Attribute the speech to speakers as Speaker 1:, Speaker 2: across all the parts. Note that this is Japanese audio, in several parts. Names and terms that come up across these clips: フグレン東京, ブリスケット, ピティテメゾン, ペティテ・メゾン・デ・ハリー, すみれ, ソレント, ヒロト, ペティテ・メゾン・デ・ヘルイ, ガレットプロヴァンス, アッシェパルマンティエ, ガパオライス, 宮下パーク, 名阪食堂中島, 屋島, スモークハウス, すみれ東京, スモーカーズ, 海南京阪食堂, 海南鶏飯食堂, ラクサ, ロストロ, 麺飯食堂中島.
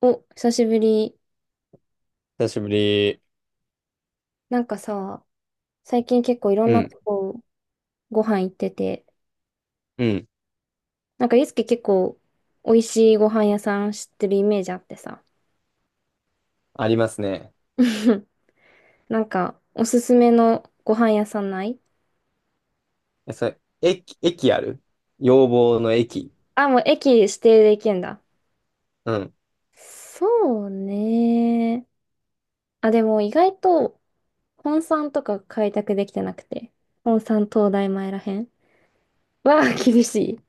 Speaker 1: お、久しぶり。
Speaker 2: 久しぶり。
Speaker 1: なんかさ、最近結構いろん
Speaker 2: う
Speaker 1: なと
Speaker 2: ん、
Speaker 1: こご飯行ってて、
Speaker 2: うん。
Speaker 1: なんかゆうすけ結構美味しいご飯屋さん知ってるイメージあってさ。
Speaker 2: ありますね。
Speaker 1: なんかおすすめのご飯屋さんない？
Speaker 2: え、それ、駅ある要望の駅。
Speaker 1: あ、もう駅指定で行けんだ。
Speaker 2: うん。
Speaker 1: そうね。あ、でも意外と本山とか開拓できてなくて。本山東大前らへん。わあ、厳しい。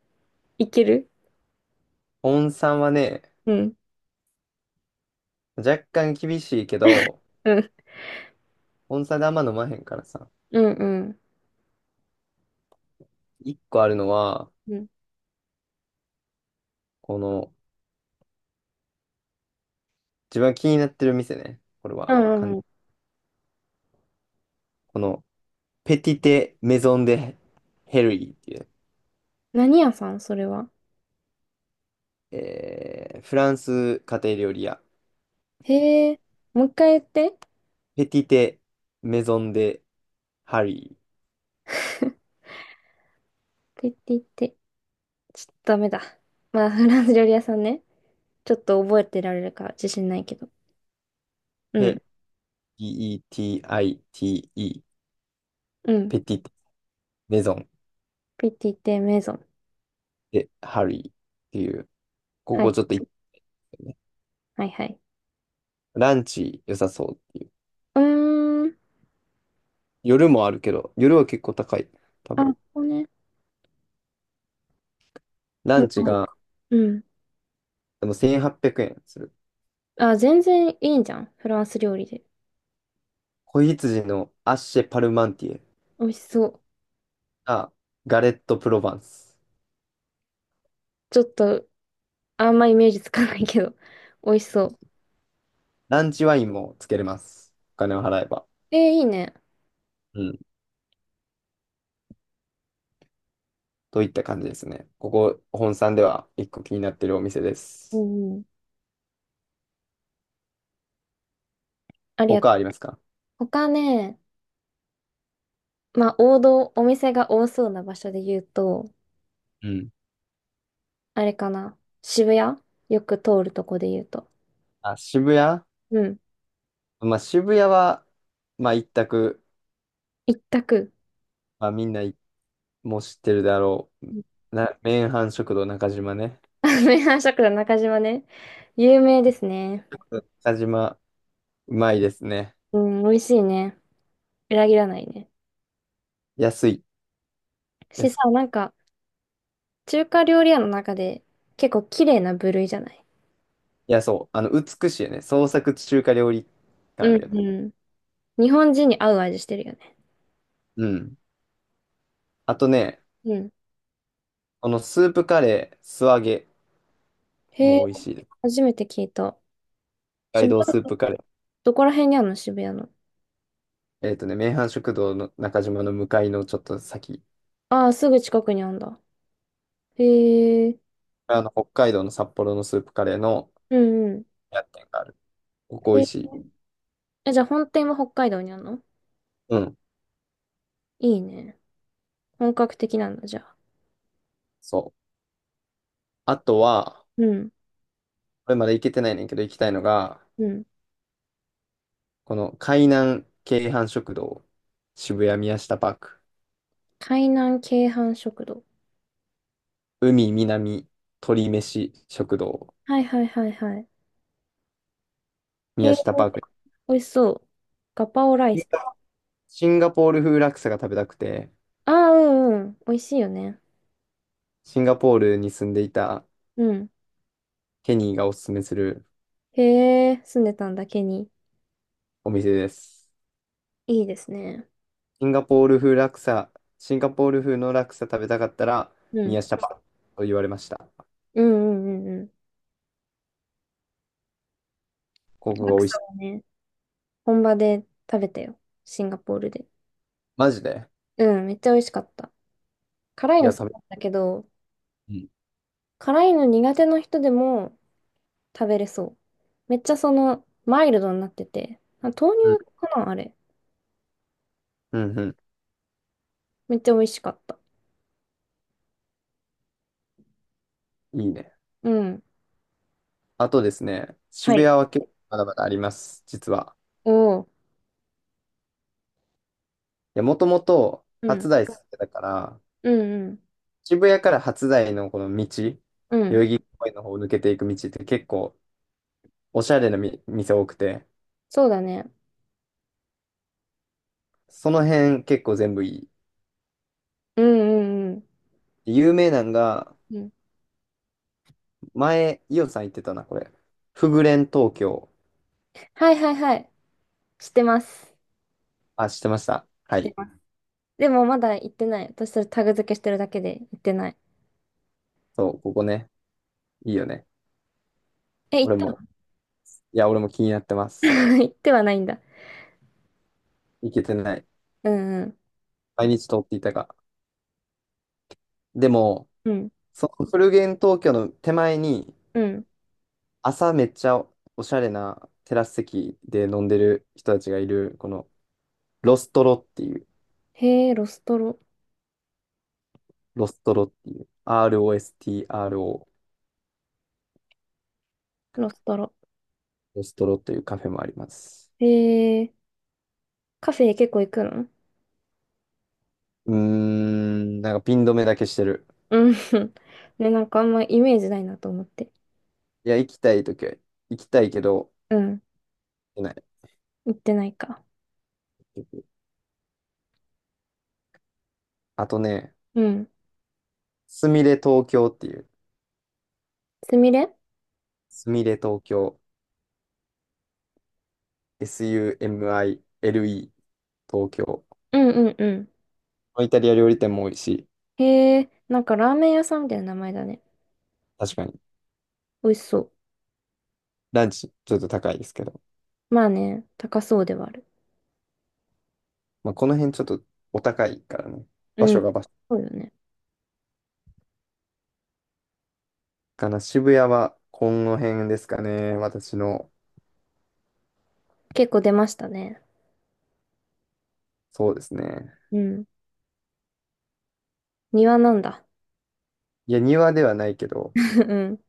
Speaker 1: いける？
Speaker 2: 温山はね、
Speaker 1: うん。
Speaker 2: 若干厳しいけど、
Speaker 1: うん。
Speaker 2: 温山であんま飲まへんからさ。
Speaker 1: うんうん。
Speaker 2: 一個あるのは、
Speaker 1: うん
Speaker 2: この、自分が気になってる店ね。これ
Speaker 1: う
Speaker 2: は、
Speaker 1: んうんうん。
Speaker 2: この、ペティテ・メゾン・デ・ヘルイっていう、
Speaker 1: 何屋さんそれは？
Speaker 2: フランス家庭料理屋。
Speaker 1: へえ、もう一回言って。
Speaker 2: ペティテ・メゾン・デ・ハリ
Speaker 1: 言って言って。ちょっとダメだ。まあ、フランス料理屋さんね。ちょっと覚えてられるか自信ないけど。
Speaker 2: ー。
Speaker 1: うん。
Speaker 2: Petite。
Speaker 1: うん。
Speaker 2: ペティテ・メゾン。
Speaker 1: ピティテメゾン。
Speaker 2: で、ハリーっていう、こ
Speaker 1: はい。
Speaker 2: こちょっと行ってね。
Speaker 1: はいはい。
Speaker 2: ランチ良さそうっていう。
Speaker 1: うーん。
Speaker 2: 夜もあるけど、夜は結構高い。多
Speaker 1: あ、
Speaker 2: 分。
Speaker 1: ここね。
Speaker 2: ラン
Speaker 1: う
Speaker 2: チ
Speaker 1: ん。
Speaker 2: が、
Speaker 1: うん。
Speaker 2: でも1800円する。
Speaker 1: あ、全然いいんじゃん。フランス料理で。
Speaker 2: 子羊のアッシェパルマンティエ
Speaker 1: 美味しそう。
Speaker 2: が、ガレットプロヴァンス。
Speaker 1: ちょっと、あんまイメージつかないけど。美味しそう。
Speaker 2: ランチワインもつけれます。お金を払えば。
Speaker 1: えー、いいね。
Speaker 2: うん。といった感じですね。ここ、本さんでは一個気になってるお店で
Speaker 1: う
Speaker 2: す。
Speaker 1: んうん。ありがと
Speaker 2: 他
Speaker 1: う。
Speaker 2: ありますか？
Speaker 1: 他ね、まあ、王道、お店が多そうな場所で言うと、
Speaker 2: うん。
Speaker 1: あれかな。渋谷よく通るとこで言うと。
Speaker 2: あ、渋谷。
Speaker 1: うん。
Speaker 2: まあ渋谷は、まあ一択、
Speaker 1: 一択。
Speaker 2: まあみんなもう知ってるだろう。
Speaker 1: うん。
Speaker 2: 麺飯食堂中島ね。
Speaker 1: 名阪食堂中島ね。有名ですね。
Speaker 2: 中島、うまいですね。
Speaker 1: うん、美味しいね。裏切らないね。
Speaker 2: 安い。
Speaker 1: し
Speaker 2: 安く、
Speaker 1: さ、なんか、中華料理屋の中で結構綺麗な部類じゃない？
Speaker 2: いや、そう。美しいよね。創作中華料理感あ
Speaker 1: う
Speaker 2: るよ
Speaker 1: ん、
Speaker 2: ね。
Speaker 1: うん。日本人に合う味してるよね。
Speaker 2: うん。あとね、
Speaker 1: うん。
Speaker 2: このスープカレー、素揚げ
Speaker 1: へえ、
Speaker 2: も美味しいです。
Speaker 1: 初めて聞いた。
Speaker 2: 北海
Speaker 1: 渋
Speaker 2: 道
Speaker 1: 谷、
Speaker 2: スープカレー。
Speaker 1: どこら辺にあるの渋谷の？
Speaker 2: 麺飯食堂の中島の向かいのちょっと先。
Speaker 1: ああ、すぐ近くにあるんだ。へえ、
Speaker 2: 北海道の札幌のスープカレーの
Speaker 1: うんうん。
Speaker 2: 屋がある。ここ美味
Speaker 1: え、
Speaker 2: しい。
Speaker 1: えじゃあ本店は北海道にあるの？
Speaker 2: うん。
Speaker 1: いいね。本格的なんだ、じゃあ。
Speaker 2: そう。あとは、
Speaker 1: うん。
Speaker 2: これまだ行けてないねんけど、行きたいのが、
Speaker 1: うん。
Speaker 2: この海南京阪食堂、渋谷宮下パーク、
Speaker 1: 海南鶏飯食堂。
Speaker 2: 海南鳥飯食堂、
Speaker 1: はいはいはいはい。へ
Speaker 2: 宮
Speaker 1: え、
Speaker 2: 下パーク。
Speaker 1: 美味しそう。ガパオライス。
Speaker 2: シンガポール風ラクサが食べたくて、
Speaker 1: ああ、うんうん。美味しいよね。
Speaker 2: シンガポールに住んでいた
Speaker 1: うん。
Speaker 2: ケニーがおすすめする
Speaker 1: へえ、住んでたんだけに。
Speaker 2: お店です。
Speaker 1: いいですね。
Speaker 2: シンガポール風ラクサ、シンガポール風のラクサ食べたかったら、
Speaker 1: うん。
Speaker 2: 宮下パークと言われました。
Speaker 1: うんうんうんうん。
Speaker 2: ここ
Speaker 1: ラ
Speaker 2: が
Speaker 1: ク
Speaker 2: 美味
Speaker 1: サ
Speaker 2: しい。
Speaker 1: はね、本場で食べたよ。シンガポールで。
Speaker 2: マジで。
Speaker 1: うん、めっちゃ美味しかった。辛い
Speaker 2: い
Speaker 1: の
Speaker 2: や、
Speaker 1: 好きだったけど、
Speaker 2: うん、
Speaker 1: 辛いの苦手な人でも食べれそう。めっちゃその、マイルドになってて。あ、豆
Speaker 2: うん、
Speaker 1: 乳かなあれ。
Speaker 2: うん、う
Speaker 1: めっちゃ美味しかった。
Speaker 2: ん。いいね。
Speaker 1: うん。
Speaker 2: あとですね、
Speaker 1: は
Speaker 2: 渋谷
Speaker 1: い。
Speaker 2: は結構まだまだあります、実は。
Speaker 1: おお。
Speaker 2: や、もともと
Speaker 1: う
Speaker 2: 初
Speaker 1: ん。
Speaker 2: 台住んでたから、
Speaker 1: うんうん。
Speaker 2: 渋谷から初台のこの道、代
Speaker 1: うん。
Speaker 2: 々木公園の方を抜けていく道って結構おしゃれなみ店多くて、
Speaker 1: そうだね。
Speaker 2: その辺結構全部いい。
Speaker 1: うんうんうん。
Speaker 2: 有名なんが、
Speaker 1: うん。
Speaker 2: 前、イオさん言ってたな、これ。フグレン東京。
Speaker 1: はいはいはい。知ってます。
Speaker 2: あ、知ってました。
Speaker 1: 知
Speaker 2: は
Speaker 1: って
Speaker 2: い。
Speaker 1: ます。でもまだ行ってない。私それタグ付けしてるだけで行ってない。
Speaker 2: そう、ここね。いいよね。
Speaker 1: え、行
Speaker 2: 俺
Speaker 1: っ
Speaker 2: も、いや、俺も気になってま
Speaker 1: た？
Speaker 2: す。
Speaker 1: 行ってはないんだ。
Speaker 2: 行けてない。
Speaker 1: うんうん。
Speaker 2: 毎日通っていたが。でも、
Speaker 1: うん。
Speaker 2: そのフルゲン東京の手前に、
Speaker 1: うん。
Speaker 2: 朝めっちゃおしゃれなテラス席で飲んでる人たちがいる、このロストロっていう、
Speaker 1: へえ、ロストロ。
Speaker 2: ロストロっていう、ROSTRO、
Speaker 1: ロストロ。
Speaker 2: ロストロというカフェもあります。
Speaker 1: へえ、カフェ結構行くの？
Speaker 2: うーん、なんかピン止めだけしてる。
Speaker 1: うん。ね、なんかあんまイメージないなと思って。
Speaker 2: いや、行きたいときは行きたいけど、
Speaker 1: うん。
Speaker 2: 行けない。
Speaker 1: 行ってないか。
Speaker 2: あとね、
Speaker 1: うん。
Speaker 2: すみれ東京っていう、
Speaker 1: すみれ。
Speaker 2: すみれ東京、SUMILE 東京。
Speaker 1: うんうんうん。
Speaker 2: イタリア料理店も多いし、
Speaker 1: へえ、なんかラーメン屋さんみたいな名前だね。
Speaker 2: 確かに。
Speaker 1: 美味しそう。
Speaker 2: ランチちょっと高いですけど。
Speaker 1: まあね、高そうではある。
Speaker 2: まあ、この辺ちょっとお高いからね。場
Speaker 1: うん。
Speaker 2: 所が場所
Speaker 1: そうよね。
Speaker 2: かな。渋谷はこの辺ですかね。私の。
Speaker 1: 結構出ましたね。
Speaker 2: そうですね。
Speaker 1: うん。庭なんだ。
Speaker 2: いや、庭ではないけど。
Speaker 1: うん。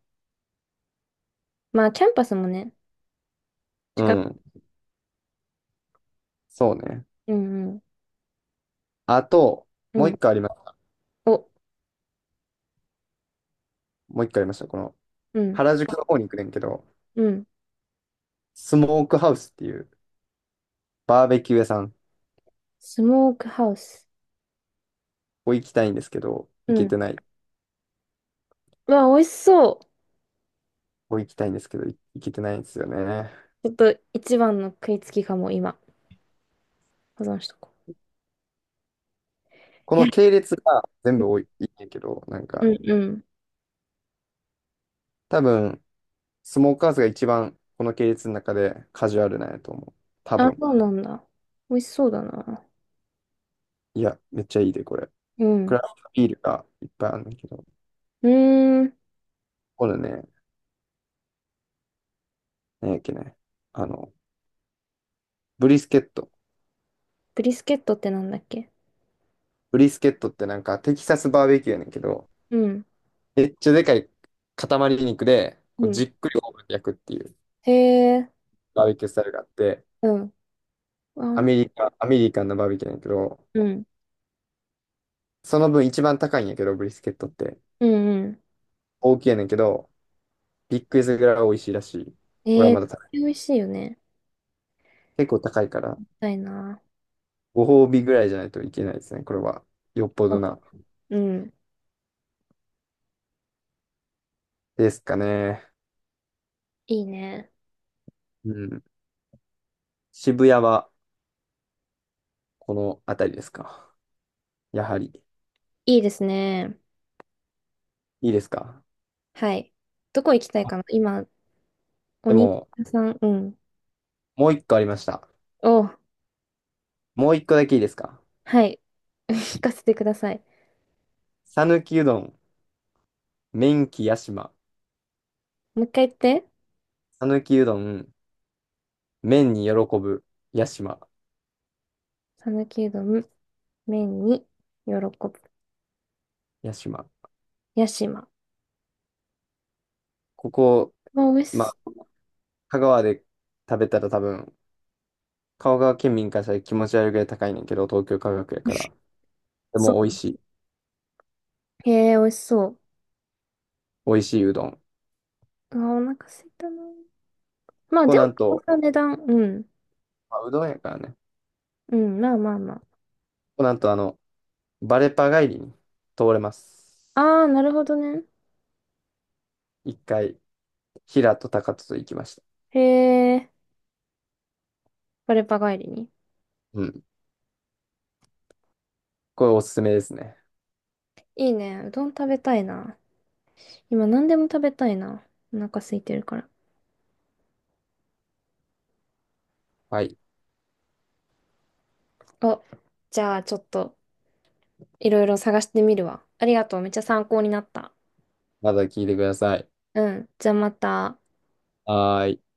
Speaker 1: まあ、キャンパスもね、
Speaker 2: う
Speaker 1: 近く。
Speaker 2: ん。そうね。
Speaker 1: うんうん。
Speaker 2: あと、
Speaker 1: う
Speaker 2: もう
Speaker 1: ん。
Speaker 2: 一個あります。
Speaker 1: お、
Speaker 2: もう一個ありました。この、
Speaker 1: うん。
Speaker 2: 原宿の方に行くねんけど、
Speaker 1: うん。
Speaker 2: スモークハウスっていうバーベキュー屋さん。こ
Speaker 1: スモークハウス。
Speaker 2: こ行きたいんですけど、
Speaker 1: う
Speaker 2: 行け
Speaker 1: ん。
Speaker 2: てない。こ
Speaker 1: うわ、美味しそう。
Speaker 2: こ行きたいんですけど、行けてないんですよね。
Speaker 1: ちょっと一番の食いつきかも、今。保存しとこう。
Speaker 2: こ
Speaker 1: いや、
Speaker 2: の系列が全部多い、いいんやけど、なん
Speaker 1: う
Speaker 2: か、
Speaker 1: んうん。
Speaker 2: 多分、スモーカーズが一番この系列の中でカジュアルなんやと思う。多
Speaker 1: あ、
Speaker 2: 分。
Speaker 1: そうなんだ。美味しそうだな。
Speaker 2: いや、めっちゃいいで、これ。
Speaker 1: う
Speaker 2: ク
Speaker 1: ん。
Speaker 2: ラフトビールがいっぱいあるんだけど。
Speaker 1: うーん。
Speaker 2: これね、何やっけね。あの、ブリスケット。
Speaker 1: ブリスケットってなんだっけ？
Speaker 2: ブリスケットってなんかテキサスバーベキューやねんけど、
Speaker 1: うん。
Speaker 2: めっちゃでかい塊肉で、こ
Speaker 1: う
Speaker 2: う
Speaker 1: ん。
Speaker 2: じっくりオーブンで焼くっていう
Speaker 1: へえ、
Speaker 2: バーベキュースタイルがあって、
Speaker 1: うん。あ、な、
Speaker 2: アメリカンなバーベキューやねんけど、
Speaker 1: うん。
Speaker 2: その分一番高いんやけど、ブリスケットって。
Speaker 1: うんう
Speaker 2: 大きいやねんけど、ビッグイズぐらい美味しいらしい。
Speaker 1: ん。
Speaker 2: 俺は
Speaker 1: え
Speaker 2: ま
Speaker 1: ー、
Speaker 2: だ
Speaker 1: 美味しいよね。
Speaker 2: 結構高いから。
Speaker 1: したいな。
Speaker 2: ご褒美ぐらいじゃないといけないですね。これは。よっぽど
Speaker 1: あ
Speaker 2: な。
Speaker 1: うん。
Speaker 2: ですかね。
Speaker 1: いいね。
Speaker 2: うん。渋谷はこの辺りですか？やはり。
Speaker 1: いいですね。
Speaker 2: いいですか？
Speaker 1: はい。どこ行きたいかな今、お
Speaker 2: で
Speaker 1: 肉
Speaker 2: も、
Speaker 1: 屋さん、うん。
Speaker 2: もう一個ありました。
Speaker 1: お、
Speaker 2: もう一個だけいいですか？
Speaker 1: はい。聞かせてください。
Speaker 2: 讃岐うどん、麺喜屋島。
Speaker 1: もう一回言って。
Speaker 2: 讃岐うどん、麺に喜ぶ屋島。
Speaker 1: 讃岐うどん、麺に、喜ぶ。
Speaker 2: 屋島。
Speaker 1: 屋島。
Speaker 2: ここ、
Speaker 1: あ、美味
Speaker 2: まあ、
Speaker 1: し
Speaker 2: 香川で食べたら多分、香川県民からしたら気持ち悪いぐらい高いねんけど、東京価格やから。で
Speaker 1: そ
Speaker 2: も美味しい。
Speaker 1: う。へえ、美味しそう。
Speaker 2: 美味しいうどん。こ
Speaker 1: あ、お腹すいたな。まあ、
Speaker 2: こ
Speaker 1: でも、
Speaker 2: なん
Speaker 1: こん
Speaker 2: と、
Speaker 1: な値段。うん。
Speaker 2: まあ、うどんやからね。
Speaker 1: うん、まあまあま
Speaker 2: なんとバレパ帰りに通れます。
Speaker 1: あ。ああ、なるほどね。
Speaker 2: 一回、平と高とと行きました。
Speaker 1: へえ、バレパ帰りに。
Speaker 2: うん。これおすすめですね。
Speaker 1: いいね。うどん食べたいな。今何でも食べたいな。お腹空いてるから。
Speaker 2: はい。
Speaker 1: あ、じゃあちょっといろいろ探してみるわ。ありがとう。めっちゃ参考になった。
Speaker 2: まだ聞いてください。
Speaker 1: うん。じゃあまた。
Speaker 2: はーい。